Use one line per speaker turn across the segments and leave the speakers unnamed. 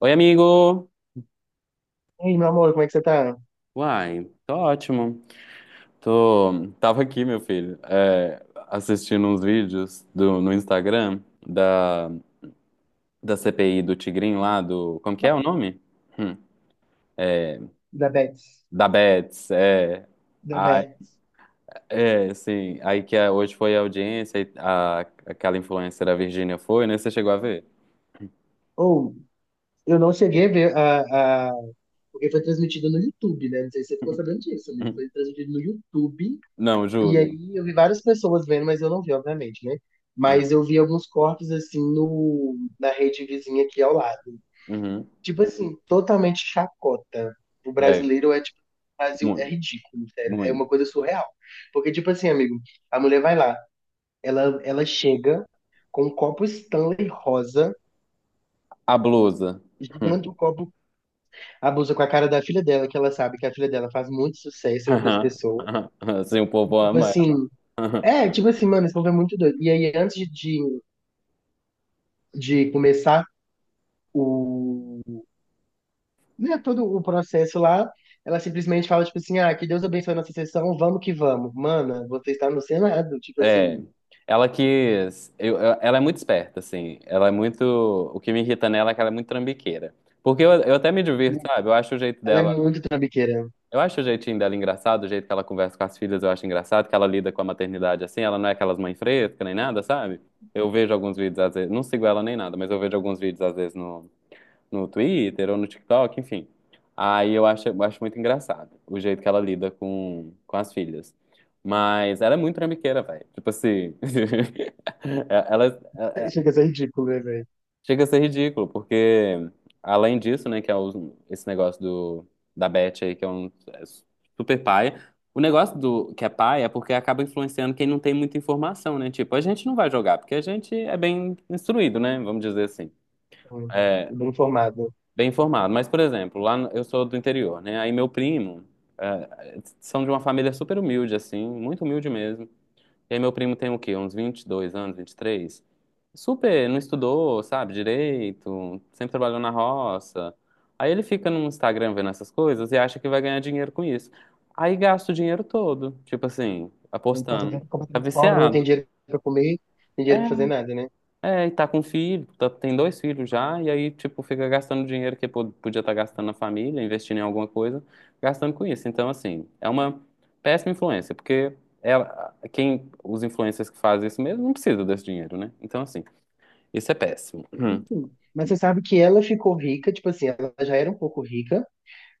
Oi, amigo!
Ei, meu amor, como é que você tá?
Uai, tô ótimo. Tava aqui, meu filho, assistindo uns vídeos no Instagram da, da CPI do Tigrinho lá, Como que é o nome? Hum,
Da Bets.
Da Bets,
Da
Ai,
Bets.
é, sim. Aí que hoje foi a audiência, aquela influencer, a Virgínia, foi, né? Você chegou a ver?
Ou, eu não cheguei a ver porque foi transmitido no YouTube, né? Não sei se você ficou sabendo disso, amigo. Foi transmitido no YouTube.
Não,
E
juro.
aí eu vi várias pessoas vendo, mas eu não vi, obviamente, né?
Aham.
Mas eu vi alguns cortes, assim, no... na rede vizinha aqui ao lado.
Uhum.
Tipo assim, totalmente chacota. O
Velho,
brasileiro é, o Brasil é
muito,
ridículo, sério. É uma
muito.
coisa surreal. Porque, tipo assim, amigo, a mulher vai lá. Ela chega com um copo Stanley rosa,
A blusa. Hum.
gigante um copo, abusa com a cara da filha dela, que ela sabe que a filha dela faz muito sucesso entre as
Aham.
pessoas.
Assim, o
E
povo
tipo
ama.
assim,
Aham.
é, tipo assim, mano, esse povo é muito doido. E aí, antes de começar o, né, todo o processo lá, ela simplesmente fala, tipo assim, ah, que Deus abençoe a nossa sessão, vamos que vamos. Mana, você está no Senado, tipo
É.
assim,
Ela quis. Ela é muito esperta, assim. Ela é muito. O que me irrita nela é que ela é muito trambiqueira. Porque eu até me
né?
divirto, sabe? Eu acho o jeito
Ela é
dela.
muito trambiqueira.
Eu acho o jeitinho dela engraçado, o jeito que ela conversa com as filhas, eu acho engraçado, que ela lida com a maternidade assim. Ela não é aquelas mães frescas nem nada, sabe? Eu vejo alguns vídeos, às vezes. Não sigo ela nem nada, mas eu vejo alguns vídeos, às vezes, no Twitter ou no TikTok, enfim. Aí eu acho muito engraçado o jeito que ela lida com as filhas. Mas ela é muito trambiqueira, velho. Tipo assim, ela
Chega a ser ridículo, né, velho?
chega a ser ridículo, porque além disso, né, que é esse negócio da Beth aí, que é super pai. O negócio do que é pai é porque acaba influenciando quem não tem muita informação, né? Tipo, a gente não vai jogar, porque a gente é bem instruído, né? Vamos dizer assim.
Bem formado.
Bem informado. Mas, por exemplo, lá eu sou do interior, né? Aí meu primo são de uma família super humilde, assim, muito humilde mesmo. E aí meu primo tem o quê? Uns 22 anos, 23. Super, não estudou, sabe, direito, sempre trabalhou na roça. Aí ele fica no Instagram vendo essas coisas e acha que vai ganhar dinheiro com isso. Aí gasta o dinheiro todo, tipo assim,
E quando eu
apostando.
vejo
Tá
completamente pobre, não tem
viciado.
dinheiro pra comer, não tem dinheiro pra
É,
fazer nada, né?
é, e tá com filho, tem dois filhos já, e aí, tipo, fica gastando dinheiro que podia estar gastando na família, investindo em alguma coisa, gastando com isso. Então, assim, é uma péssima influência, porque os influencers que fazem isso mesmo não precisa desse dinheiro, né? Então, assim, isso é péssimo.
Enfim. Mas você sabe que ela ficou rica, tipo assim, ela já era um pouco rica,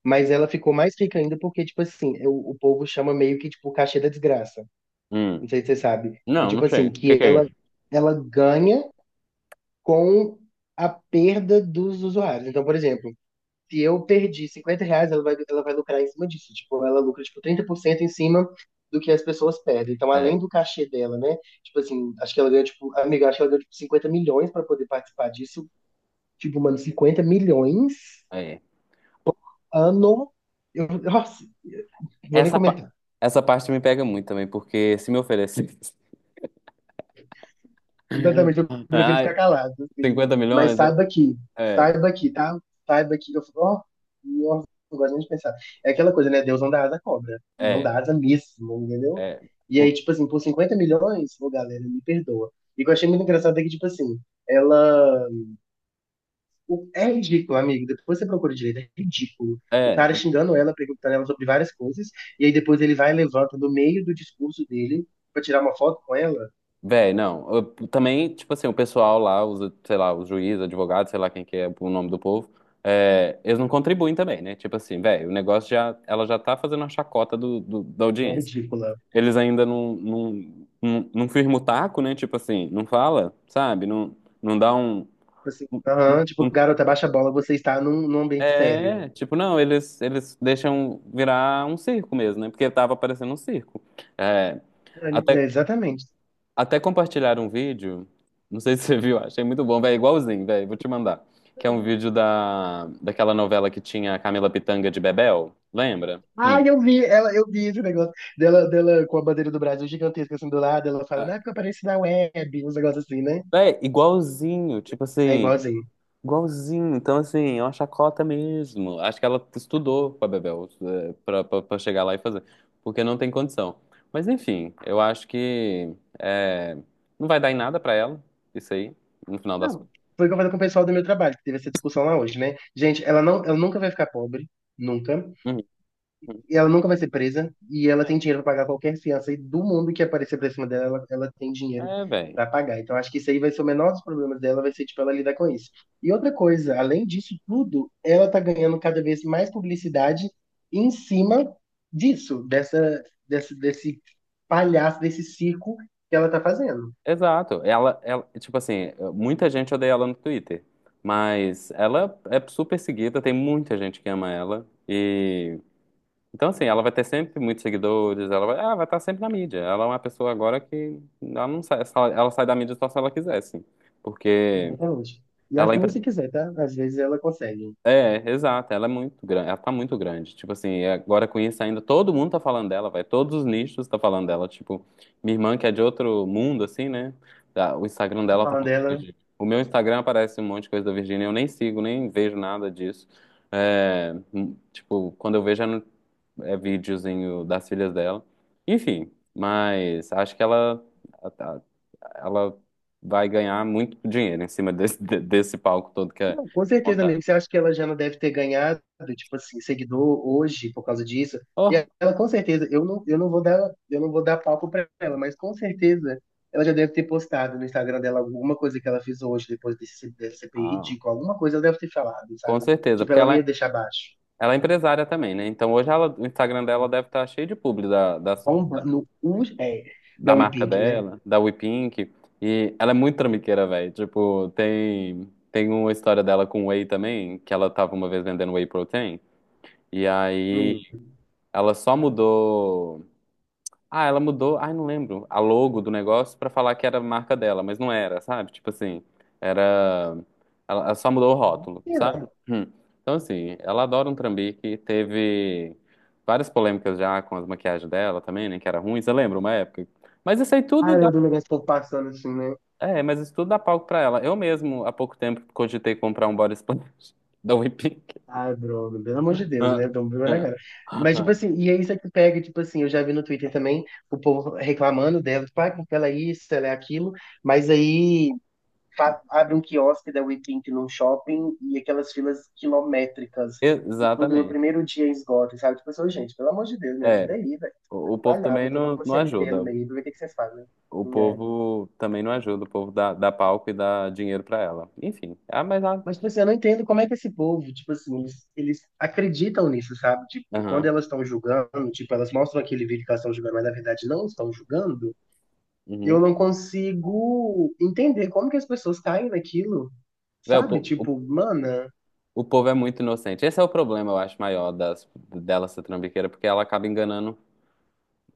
mas ela ficou mais rica ainda porque, tipo assim, é o povo chama meio que, tipo, o cachê da desgraça.
hum.
Não sei se você sabe. Que,
Não,
tipo
não sei.
assim,
O que
que
que é
ela,
isso?
ela ganha com a perda dos usuários. Então, por exemplo, se eu perdi 50 reais, ela vai lucrar em cima disso. Tipo, ela lucra, tipo, 30% em cima do que as pessoas pedem. Então,
É,
além do cachê dela, né? Tipo assim, acho que ela ganha, tipo, amiga, acho que ela ganha, tipo, 50 milhões para poder participar disso. Tipo, mano, 50 milhões
é.
ano. Eu, nossa, vou nem
Essa, pa-
comentar.
essa parte me pega muito também, porque se me oferecesse
Exatamente, eu prefiro ficar
ai,
calado, assim.
50
Mas
milhões, é,
saiba aqui, tá? Saiba aqui. Eu falo, ó, não gosto nem de pensar. É aquela coisa, né? Deus não dá asa à cobra. Não
é,
dá asa mesmo, entendeu?
é.
E aí,
Por-
tipo assim, por 50 milhões, ô galera, me perdoa. E o que eu achei muito engraçado é que, tipo assim, ela. É ridículo, amigo. Depois você procura direito, é ridículo. O
É,
cara xingando ela, perguntando ela sobre várias coisas, e aí depois ele vai e levanta no meio do discurso dele pra tirar uma foto com ela.
véi, não. Também, tipo assim, o pessoal lá, os, sei lá, os juízes, advogados, sei lá quem que é o nome do povo, eles não contribuem também, né? Tipo assim, véi, o negócio já, ela já tá fazendo a chacota da
É
audiência.
ridícula.
Eles ainda não firma o taco, né? Tipo assim, não fala, sabe? Não, não dá um,
Assim, aham,
um-
tipo,
um-
garota, baixa a bola, você está num ambiente sério.
É, tipo, não, eles deixam virar um circo mesmo, né? Porque tava parecendo um circo. É,
É,
até,
exatamente.
Até compartilharam um vídeo, não sei se você viu, achei muito bom, velho, igualzinho, velho, vou te mandar. Que é um vídeo daquela novela que tinha a Camila Pitanga de Bebel, lembra? Hum.
Ah, eu vi, ela, eu vi esse negócio dela com a bandeira do Brasil gigantesca assim do lado, ela falando, ah,
Ah,
porque eu apareci na web, uns negócios assim, né?
véi, igualzinho, tipo
É
assim,
igualzinho.
igualzinho. Então, assim, é uma chacota mesmo. Acho que ela estudou com Bebel pra chegar lá e fazer, porque não tem condição. Mas, enfim, eu acho que não vai dar em nada pra ela, isso aí, no final das
Não,
contas.
foi o que eu falei com o pessoal do meu trabalho, que teve essa discussão lá hoje, né? Gente, ela nunca vai ficar pobre, nunca.
Uhum.
E ela nunca vai ser presa e ela tem dinheiro pra pagar qualquer fiança e do mundo que aparecer pra cima dela, ela tem dinheiro
É, velho.
pra pagar. Então acho que isso aí vai ser o menor dos problemas dela, vai ser tipo ela lidar com isso. E outra coisa, além disso tudo, ela tá ganhando cada vez mais publicidade em cima desse palhaço, desse circo que ela tá fazendo.
Exato. Tipo assim, muita gente odeia ela no Twitter, mas ela é super seguida, tem muita gente que ama ela. E então assim, ela vai ter sempre muitos seguidores, ela vai estar sempre na mídia. Ela é uma pessoa agora que ela não sai, ela sai da mídia só se ela quiser, assim. Porque
Exatamente. E acho
ela,
que nem se quiser, tá? Às vezes ela consegue.
exato, ela é muito grande, ela tá muito grande. Tipo assim, é agora com isso ainda, todo mundo tá falando dela, vai, todos os nichos tá falando dela. Tipo, minha irmã que é de outro mundo, assim, né? Tá, o Instagram
Tô
dela tá
falando
falando da
dela.
Virgínia. O meu Instagram aparece um monte de coisa da Virgínia, eu nem sigo, nem vejo nada disso. É, tipo, quando eu vejo é videozinho das filhas dela. Enfim, mas acho que ela vai ganhar muito dinheiro em cima desse palco todo que é
Não, com
que
certeza,
montar.
amigo. Você acha que ela já não deve ter ganhado, tipo assim, seguidor hoje por causa disso? E ela, com certeza, eu não vou dar, eu não vou dar palco pra ela, mas com certeza ela já deve ter postado no Instagram dela alguma coisa que ela fez hoje, depois desse CPI
Ah,
ridículo. Alguma coisa ela deve ter falado,
com
sabe?
certeza,
Tipo,
porque
ela
ela,
nem ia deixar baixo.
ela é empresária também, né? Então hoje ela, o Instagram dela
É,
deve estar cheio de publi
bomba no U, é,
da
da We
marca
Pink, né?
dela, da WePink. E ela é muito trambiqueira, velho. Tipo, tem uma história dela com whey também, que ela tava uma vez vendendo whey protein. E aí
Hum.
ela só mudou. Ah, ela mudou, ai, não lembro, a logo do negócio pra falar que era a marca dela, mas não era, sabe? Tipo assim, era. Ela só mudou o rótulo,
É.
sabe? Hum. Então, assim, ela adora um trambique, teve várias polêmicas já com as maquiagens dela também, né? Que era ruim, você lembra uma época? Mas isso aí
Ah,
tudo dá.
eu do negócio ficou passando assim, né?
É, mas isso tudo dá palco pra ela. Eu mesmo, há pouco tempo, cogitei comprar um body splash da Whipping.
Ah, Bruno, pelo amor de Deus,
Ah,
né? Vamos ver na cara.
ah,
Mas, tipo
ah.
assim, e é isso que pega, tipo assim, eu já vi no Twitter também o povo reclamando dela, tipo, ah, porque ela é isso, ela é aquilo, mas aí abre um quiosque da WePink num shopping e aquelas filas quilométricas, e tudo no
Exatamente.
primeiro dia esgota, sabe? Tipo assim, gente, pelo amor de Deus, me ajuda
É,
aí, velho.
o povo
Trabalhar,
também
vou tomar
não,
uma
não
CLT
ajuda.
no meio, vou ver o que que vocês fazem,
O
né?
povo também não ajuda, o povo dá palco e dá dinheiro pra ela. Enfim. Ah, mas a.
Mas, tipo assim, eu não entendo como é que esse povo, tipo assim, eles acreditam nisso, sabe? Tipo, quando
Aham.
elas estão julgando, tipo, elas mostram aquele vídeo que elas estão julgando, mas na verdade não estão julgando, eu
Uhum.
não consigo entender como que as pessoas caem naquilo,
Véi, o,
sabe?
po- o,
Tipo, mana,
o povo é muito inocente. Esse é o problema, eu acho, maior das, dela ser trambiqueira, porque ela acaba enganando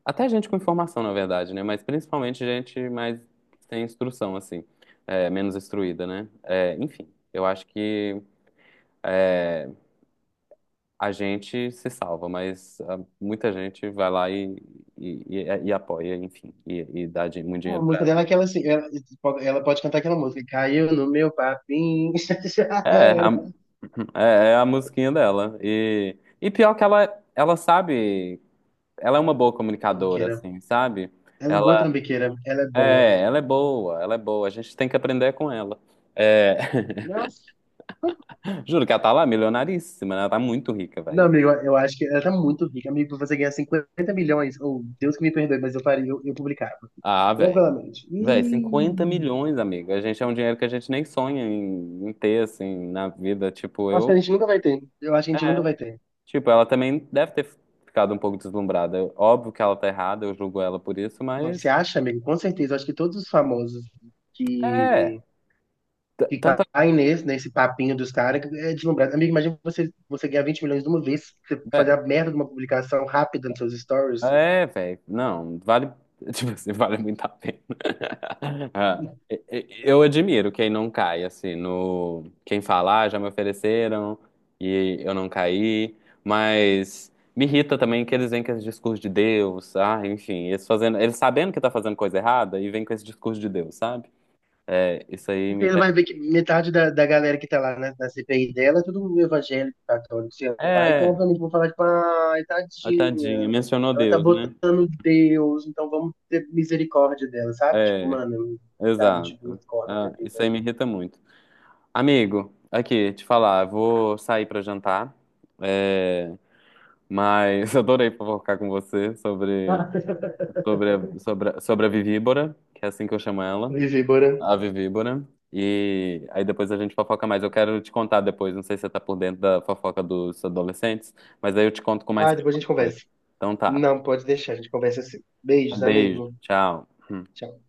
até gente com informação, na verdade, né? Mas principalmente gente mais sem instrução, assim. É, menos instruída, né? É, enfim, eu acho que a gente se salva, mas ah, muita gente vai lá e apoia, enfim, e dá muito
a
dinheiro.
música dela é aquela assim, ela pode cantar aquela música, caiu no meu papinho, já
É,
era.
é a musiquinha dela. E pior que ela sabe, ela é uma boa comunicadora,
Trambiqueira.
assim, sabe?
Ela é boa
Ela
trambiqueira, ela é boa.
ela é boa, ela é boa. A gente tem que aprender com ela. É,
Nossa.
juro que ela tá lá milionaríssima, né? Ela tá muito rica,
Não,
velho.
amigo, eu acho que ela tá muito rica. Amigo, você ganhar 50 milhões, ou Deus que me perdoe, mas eu faria, eu publicava.
Ah, velho.
Tranquilamente.
Velho,
E
50 milhões, amigo. A gente é um dinheiro que a gente nem sonha em ter, assim, na vida. Tipo,
acho
eu.
que a gente nunca vai ter. Eu acho que a gente nunca vai ter.
Tipo, ela também deve ter ficado um pouco deslumbrada. Óbvio que ela tá errada, eu julgo ela por isso,
Não, você
mas.
acha, amigo? Com certeza. Eu acho que todos os famosos
É,
que, que
Tanta.
caem nesse papinho dos caras que é deslumbrado. Amigo, imagina você, você ganhar 20 milhões de uma vez, você fazer
É,
a merda de uma publicação rápida nos seus stories.
é, velho. Não, vale. Tipo assim, vale muito a pena. Ah, Eu admiro quem não cai, assim, no. Quem fala, ah, já me ofereceram e eu não caí. Mas me irrita também que eles vêm com esse discurso de Deus, ah, enfim, eles fazendo. Eles sabendo que tá fazendo coisa errada e vêm com esse discurso de Deus, sabe? É, isso aí
Porque
me
ele
pega.
vai ver que metade da galera que tá lá na CPI dela é tudo evangélico, católico, sei lá. Então,
É,
obviamente, vão falar, tipo, ai,
a tadinha,
tadinha,
mencionou
ela tá
Deus, né?
botando Deus, então vamos ter misericórdia dela, sabe? Tipo,
É,
mano, sabe? Tipo,
exato.
acorda pra
Ah,
vida.
isso aí me irrita muito. Amigo, aqui, te falar, eu vou sair pra jantar, é, mas adorei fofocar com você sobre a Vivíbora, que é assim que eu chamo ela,
Vivi, bora.
a Vivíbora, e aí depois a gente fofoca mais. Eu quero te contar depois, não sei se você tá por dentro da fofoca dos adolescentes, mas aí eu te conto com mais
Ah,
calma
depois a gente
depois.
conversa.
Então tá,
Não, pode deixar, a gente conversa assim.
um
Beijos,
beijo,
amigo.
tchau.
Tchau.